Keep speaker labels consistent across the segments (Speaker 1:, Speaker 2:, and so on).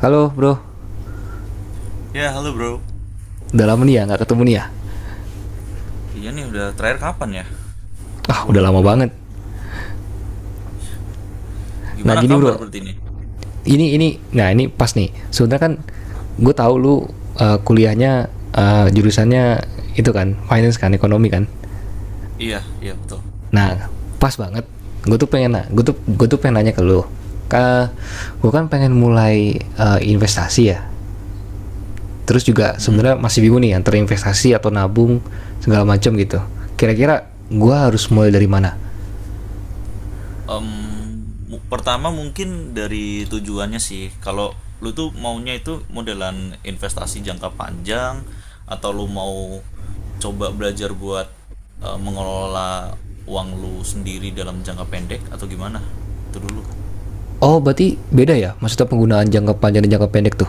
Speaker 1: Halo bro,
Speaker 2: Ya, halo bro.
Speaker 1: udah lama nih ya nggak ketemu nih ya?
Speaker 2: Iya nih udah terakhir kapan ya
Speaker 1: Ah udah lama
Speaker 2: ngobrol-ngobrol?
Speaker 1: banget. Nah
Speaker 2: Gimana
Speaker 1: gini bro,
Speaker 2: kabar berarti ini?
Speaker 1: ini ini, nah ini pas nih. Sebenarnya kan gue tahu lu kuliahnya, jurusannya itu kan finance kan, ekonomi kan.
Speaker 2: Iya, iya betul.
Speaker 1: Nah pas banget. Gue tuh pengen nanya ke lu. Ka, gue kan pengen mulai investasi ya. Terus juga
Speaker 2: Mm-mm.
Speaker 1: sebenarnya masih bingung nih antara investasi atau nabung segala macam gitu. Kira-kira gue harus mulai
Speaker 2: Oke.
Speaker 1: dari mana?
Speaker 2: Em, Pertama mungkin dari tujuannya sih. Kalau lu tuh maunya itu modelan investasi jangka panjang atau lu mau coba belajar buat mengelola uang lu sendiri dalam jangka pendek atau gimana? Itu dulu.
Speaker 1: Oh, berarti beda ya? Maksudnya penggunaan jangka panjang dan jangka pendek tuh?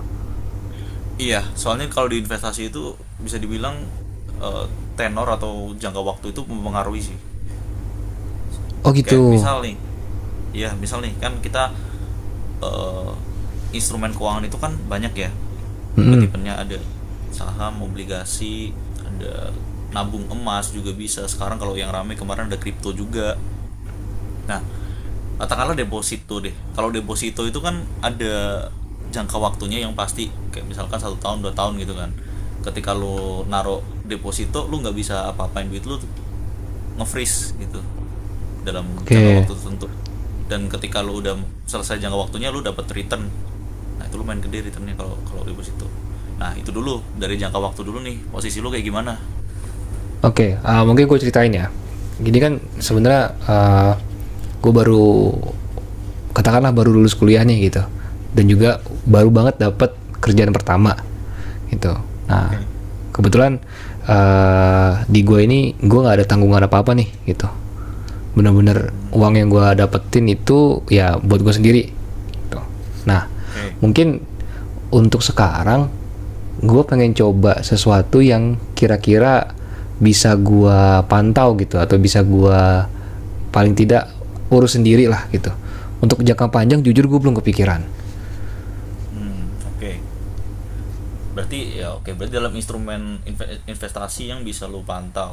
Speaker 2: Iya, soalnya kalau di investasi itu bisa dibilang eh, tenor atau jangka waktu itu mempengaruhi sih.
Speaker 1: Oh
Speaker 2: Kayak
Speaker 1: gitu.
Speaker 2: misal nih, iya misal nih kan kita eh, instrumen keuangan itu kan banyak ya. Tipe-tipenya ada saham, obligasi, ada nabung emas juga bisa. Sekarang kalau yang rame kemarin ada kripto juga. Nah, katakanlah deposito deh. Kalau deposito itu kan ada jangka waktunya yang pasti, kayak misalkan 1 tahun 2 tahun gitu kan. Ketika lo naruh deposito, lo nggak bisa apa-apain duit lo tuh, nge-freeze gitu dalam jangka
Speaker 1: Oke,
Speaker 2: waktu tertentu. Dan ketika lo udah selesai jangka waktunya, lo dapat return. Nah, itu lumayan gede returnnya kalau kalau deposito. Nah, itu dulu dari jangka waktu dulu nih, posisi lo kayak gimana?
Speaker 1: okay, oke. Ah, mungkin gue ceritain ya. Gini kan sebenarnya gue baru katakanlah baru lulus kuliahnya gitu, dan juga baru banget dapat kerjaan pertama gitu. Nah,
Speaker 2: Oke.
Speaker 1: kebetulan di gue ini gue nggak ada tanggungan apa apa nih gitu. Bener-bener
Speaker 2: Hmm,
Speaker 1: uang yang gue dapetin itu ya buat gue sendiri gitu. Nah,
Speaker 2: oke.
Speaker 1: mungkin untuk sekarang gue pengen coba sesuatu yang kira-kira bisa gue pantau gitu, atau bisa gue paling tidak urus sendiri lah gitu. Untuk jangka panjang jujur gue belum kepikiran.
Speaker 2: Hmm, oke. Berarti ya oke, berarti dalam instrumen investasi yang bisa lu pantau.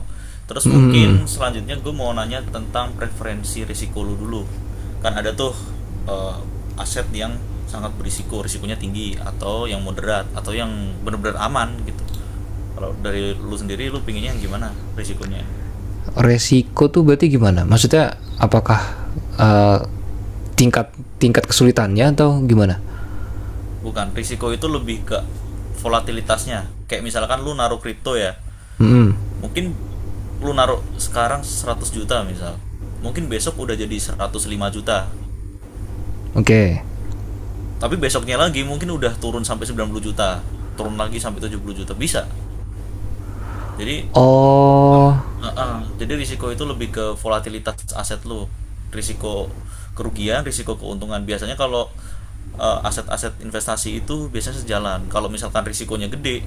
Speaker 2: Terus
Speaker 1: Hmm,
Speaker 2: mungkin selanjutnya gue mau nanya tentang preferensi risiko lu dulu. Kan ada tuh eh, aset yang sangat berisiko, risikonya tinggi atau yang moderat atau yang benar-benar aman gitu. Kalau dari lu sendiri lu pinginnya yang gimana risikonya?
Speaker 1: resiko tuh berarti gimana? Maksudnya apakah eh, tingkat tingkat kesulitannya atau gimana?
Speaker 2: Bukan, risiko itu lebih ke volatilitasnya. Kayak misalkan lu naruh kripto ya, mungkin lu naruh sekarang 100 juta misal. Mungkin besok udah jadi 105 juta.
Speaker 1: Oke. Okay.
Speaker 2: Tapi besoknya lagi mungkin udah turun sampai 90 juta. Turun lagi sampai 70 juta. Bisa. Jadi
Speaker 1: Oh.
Speaker 2: risiko itu lebih ke volatilitas aset lu. Risiko kerugian, risiko keuntungan. Biasanya kalau aset-aset investasi itu biasanya sejalan. Kalau misalkan risikonya gede,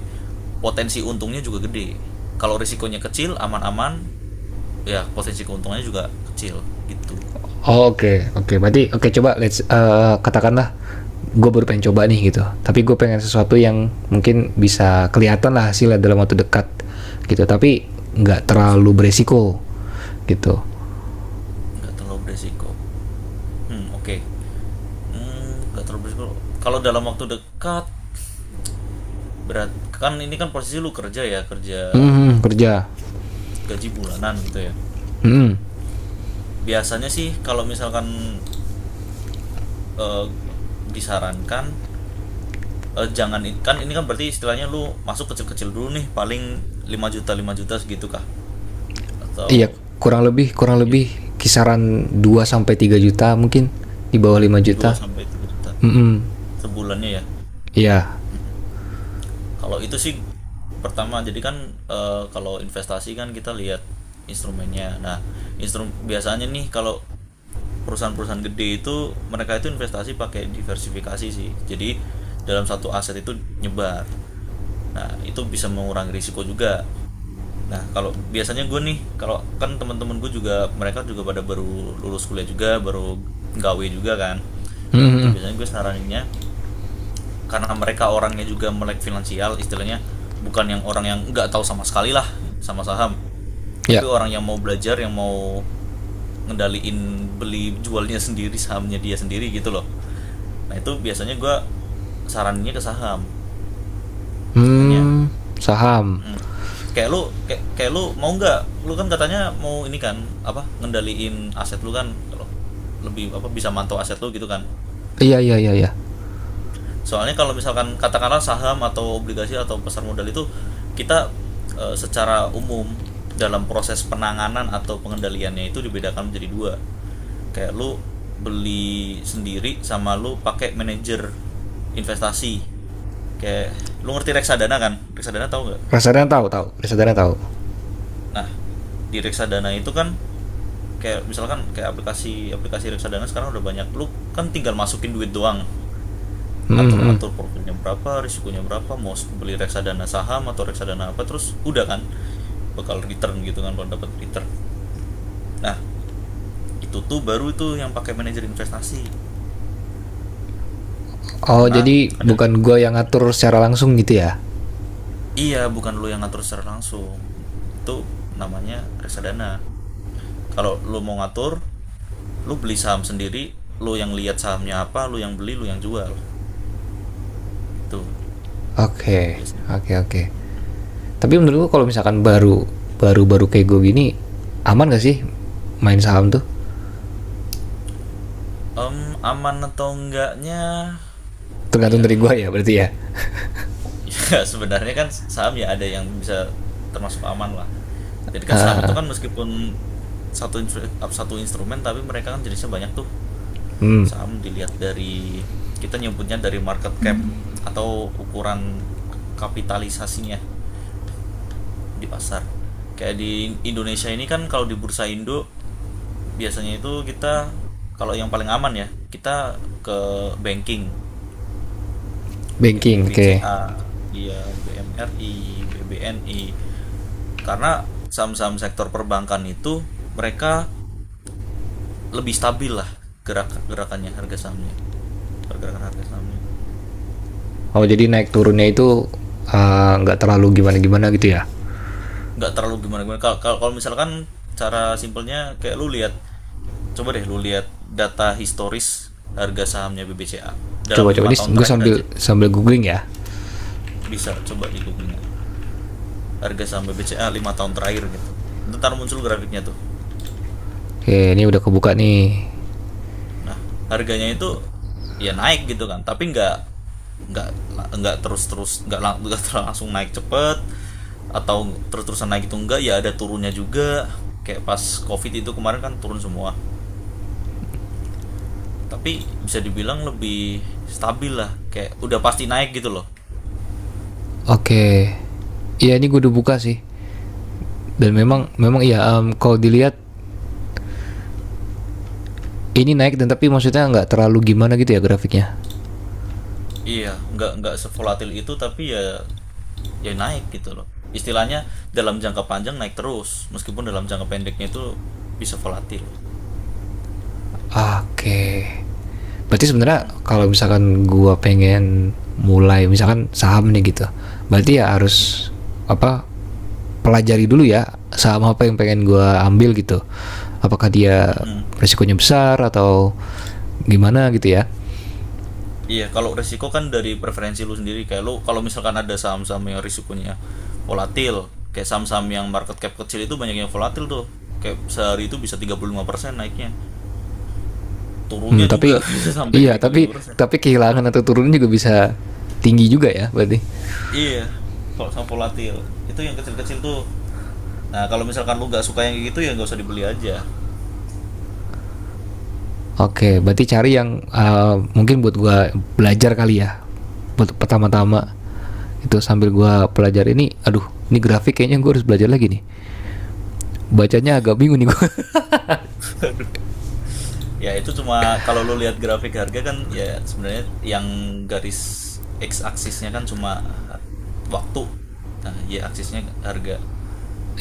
Speaker 2: potensi untungnya juga gede. Kalau risikonya kecil, aman-aman, ya potensi keuntungannya juga kecil gitu.
Speaker 1: Oh, oke, okay, oke, okay, berarti oke, okay, coba let's katakanlah gue baru pengen coba nih gitu, tapi gue pengen sesuatu yang mungkin bisa kelihatan lah hasilnya dalam waktu dekat gitu, tapi nggak terlalu
Speaker 2: Hasilnya
Speaker 1: beresiko gitu.
Speaker 2: nggak terlalu beresiko. Hmm, oke. Okay. Hmm, nggak terlalu beresiko kalau dalam waktu dekat berat kan. Ini kan posisi lu kerja, ya kerja
Speaker 1: Hmm, kerja.
Speaker 2: gaji bulanan gitu ya.
Speaker 1: Hmm,
Speaker 2: Biasanya sih kalau misalkan eh, disarankan, jangan i- kan ini kan berarti istilahnya lu masuk kecil-kecil dulu nih, paling 5 juta 5 juta segitu kah,
Speaker 1: iya,
Speaker 2: atau
Speaker 1: kurang lebih kurang
Speaker 2: ya
Speaker 1: lebih kisaran 2 sampai 3 juta mungkin, di bawah 5
Speaker 2: 2
Speaker 1: juta.
Speaker 2: sampai 3 juta
Speaker 1: Hmm,
Speaker 2: sebulannya ya.
Speaker 1: iya.
Speaker 2: Kalau itu sih pertama jadi kan kalau investasi kan kita lihat instrumennya. Nah, biasanya nih kalau perusahaan-perusahaan gede itu mereka itu investasi pakai diversifikasi sih. Jadi dalam satu aset itu nyebar. Nah, itu bisa mengurangi risiko juga. Nah, kalau biasanya gue nih, kalau kan teman-teman gue juga mereka juga pada baru lulus kuliah juga, baru gawe juga kan. Nah, itu
Speaker 1: Hmm,
Speaker 2: biasanya gue saraninnya karena mereka orangnya juga melek finansial istilahnya, bukan yang orang yang nggak tahu sama sekali lah sama saham, tapi
Speaker 1: iya.
Speaker 2: orang yang mau belajar, yang mau ngendaliin beli jualnya sendiri sahamnya dia sendiri gitu loh. Nah itu biasanya gue sarannya ke saham biasanya.
Speaker 1: Hmm. Saham.
Speaker 2: Hmm. Kayak lu mau nggak, lu kan katanya mau ini kan, apa, ngendaliin aset lu kan, kalau lebih apa bisa mantau aset lu gitu kan.
Speaker 1: Iya, iya, iya, iya.
Speaker 2: Soalnya kalau misalkan katakanlah saham atau obligasi atau pasar modal itu, kita secara umum dalam proses penanganan atau pengendaliannya itu dibedakan menjadi dua. Kayak lu beli sendiri sama lu pakai manajer investasi. Kayak lu ngerti reksadana kan? Reksadana tahu nggak?
Speaker 1: Reksadana tahu, tahu reksadana, tahu.
Speaker 2: Nah, di reksadana itu kan kayak misalkan kayak aplikasi aplikasi reksadana sekarang udah banyak, lu kan tinggal masukin duit doang,
Speaker 1: Hmm
Speaker 2: atur-atur
Speaker 1: hmm.
Speaker 2: profilnya berapa, risikonya berapa, mau beli reksadana saham atau reksadana apa, terus udah kan bakal return gitu kan, bakal dapat return. Nah, itu tuh baru tuh yang pakai manajer investasi
Speaker 1: Oh,
Speaker 2: karena
Speaker 1: jadi
Speaker 2: ada.
Speaker 1: bukan gua yang ngatur secara langsung gitu ya?
Speaker 2: Iya, bukan lu yang ngatur secara langsung. Itu namanya reksadana. Kalau lu mau ngatur, lu beli saham sendiri, lu yang lihat sahamnya apa, lu yang beli, lu yang jual. Itu
Speaker 1: Oke,
Speaker 2: biasanya.
Speaker 1: oke, oke. Tapi menurut gua kalau misalkan baru, baru-baru kayak gua gini, aman gak sih main saham tuh?
Speaker 2: Em, Aman atau enggaknya
Speaker 1: Tergantung
Speaker 2: ya,
Speaker 1: dari gua ya berarti ya.
Speaker 2: ya sebenarnya kan saham ya ada yang bisa termasuk aman lah. Jadi kan saham itu kan meskipun satu instru- satu instrumen, tapi mereka kan jenisnya banyak tuh. Saham dilihat dari, kita nyebutnya dari market cap atau ukuran kapitalisasinya di pasar. Kayak di Indonesia ini kan, kalau di Bursa Indo biasanya itu kita, kalau yang paling aman ya kita ke banking, kayak
Speaker 1: Banking, oke.
Speaker 2: BBCA, iya BMRI, BBNI. Karena saham-saham sektor perbankan itu mereka lebih stabil lah gerak gerakannya harga sahamnya. Pergerakan harga sahamnya.
Speaker 1: Oh, jadi naik turunnya itu nggak terlalu gimana-gimana gitu ya?
Speaker 2: Nggak terlalu gimana-gimana. Kalau kalau kalau misalkan cara simpelnya kayak lu lihat coba deh lu lihat data historis harga sahamnya BBCA dalam
Speaker 1: Coba coba
Speaker 2: lima
Speaker 1: ini
Speaker 2: tahun
Speaker 1: gua
Speaker 2: terakhir
Speaker 1: sambil
Speaker 2: aja.
Speaker 1: sambil googling ya.
Speaker 2: Bisa coba di googling aja. Harga saham BBCA 5 tahun terakhir gitu. Ntar muncul grafiknya tuh.
Speaker 1: Oke, ini udah kebuka nih.
Speaker 2: Nah, harganya itu ya naik gitu kan, tapi nggak nggak nggak langsung naik cepet, atau terus-terusan naik itu enggak, ya ada turunnya juga. Kayak pas COVID itu kemarin kan turun semua. Tapi bisa dibilang lebih stabil lah, kayak udah pasti naik gitu loh.
Speaker 1: Oke. Iya, ini gua udah buka sih. Dan memang memang iya, kalau dilihat ini naik dan tapi maksudnya nggak terlalu gimana gitu ya grafiknya.
Speaker 2: Iya, nggak sevolatil itu tapi ya naik gitu loh. Istilahnya dalam jangka panjang naik terus, meskipun dalam jangka pendeknya itu bisa volatil.
Speaker 1: Oke. Berarti sebenarnya kalau misalkan gua pengen mulai misalkan saham nih gitu. Berarti ya harus
Speaker 2: Iya.
Speaker 1: apa, pelajari dulu ya saham apa yang pengen gua ambil gitu. Apakah dia
Speaker 2: Mm-mm.
Speaker 1: risikonya besar atau gimana gitu ya.
Speaker 2: Iya, kalau resiko kan dari preferensi lu sendiri. Kayak lu kalau misalkan ada saham-saham yang risikonya volatil, kayak saham-saham yang market cap kecil itu banyak yang volatil tuh. Kayak sehari itu bisa 35% naiknya.
Speaker 1: Hmm,
Speaker 2: Turunnya juga
Speaker 1: tapi
Speaker 2: bisa sampai ke
Speaker 1: iya,
Speaker 2: tiga puluh lima persen.
Speaker 1: tapi kehilangan atau turunnya juga bisa tinggi juga ya berarti.
Speaker 2: Iya, saham volatil. Itu yang kecil-kecil tuh. Nah, kalau misalkan lu nggak suka yang kayak gitu ya nggak usah dibeli aja.
Speaker 1: Oke, berarti cari yang mungkin buat gua belajar kali ya, buat pertama-tama. Itu sambil gua pelajari ini, aduh, ini grafik kayaknya gua harus belajar lagi nih. Bacanya agak bingung nih gua.
Speaker 2: Ya itu cuma kalau lu lihat grafik harga kan, ya sebenarnya yang garis x aksisnya kan cuma waktu. Nah, y aksisnya harga.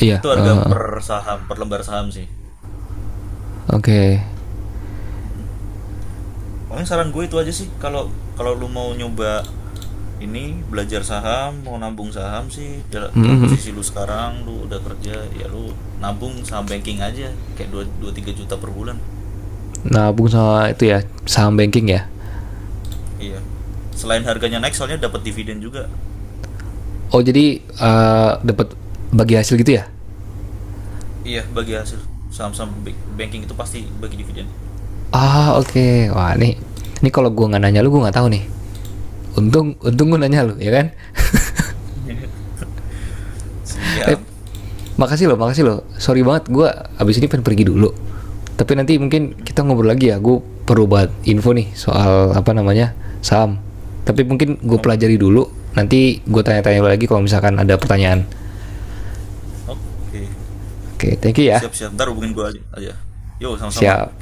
Speaker 1: Iya,
Speaker 2: Itu
Speaker 1: heeh
Speaker 2: harga
Speaker 1: heeh.
Speaker 2: per saham, per lembar saham sih.
Speaker 1: Oke.
Speaker 2: Pokoknya saran gue itu aja sih, kalau kalau lu mau nyoba ini belajar saham, mau nabung saham sih
Speaker 1: Mhm
Speaker 2: dalam
Speaker 1: mhm.
Speaker 2: posisi lu sekarang lu udah kerja, ya lu nabung saham banking aja kayak 2 2 3 juta per bulan.
Speaker 1: Nabung sama itu ya, saham banking ya?
Speaker 2: Iya. Selain harganya naik soalnya dapat dividen juga.
Speaker 1: Oh jadi, dapat bagi hasil gitu ya?
Speaker 2: Iya, bagi hasil saham-saham banking itu pasti bagi dividen.
Speaker 1: Ah, oke. Okay. Wah, nih nih kalau gua nggak nanya lu, gua nggak tahu nih. Untung untung gue nanya lu, ya kan? Eh,
Speaker 2: Siap.
Speaker 1: makasih loh, makasih loh. Sorry banget, gue abis ini pengen pergi dulu. Tapi nanti mungkin kita ngobrol lagi ya. Gue perlu banget info nih soal apa namanya saham. Tapi mungkin gue
Speaker 2: Oke.
Speaker 1: pelajari dulu. Nanti gue tanya-tanya lagi kalau misalkan ada pertanyaan.
Speaker 2: Oke.
Speaker 1: Oke, thank you ya.
Speaker 2: Siap-siap. Ntar hubungin gue aja. Yo,
Speaker 1: Siap.
Speaker 2: sama-sama.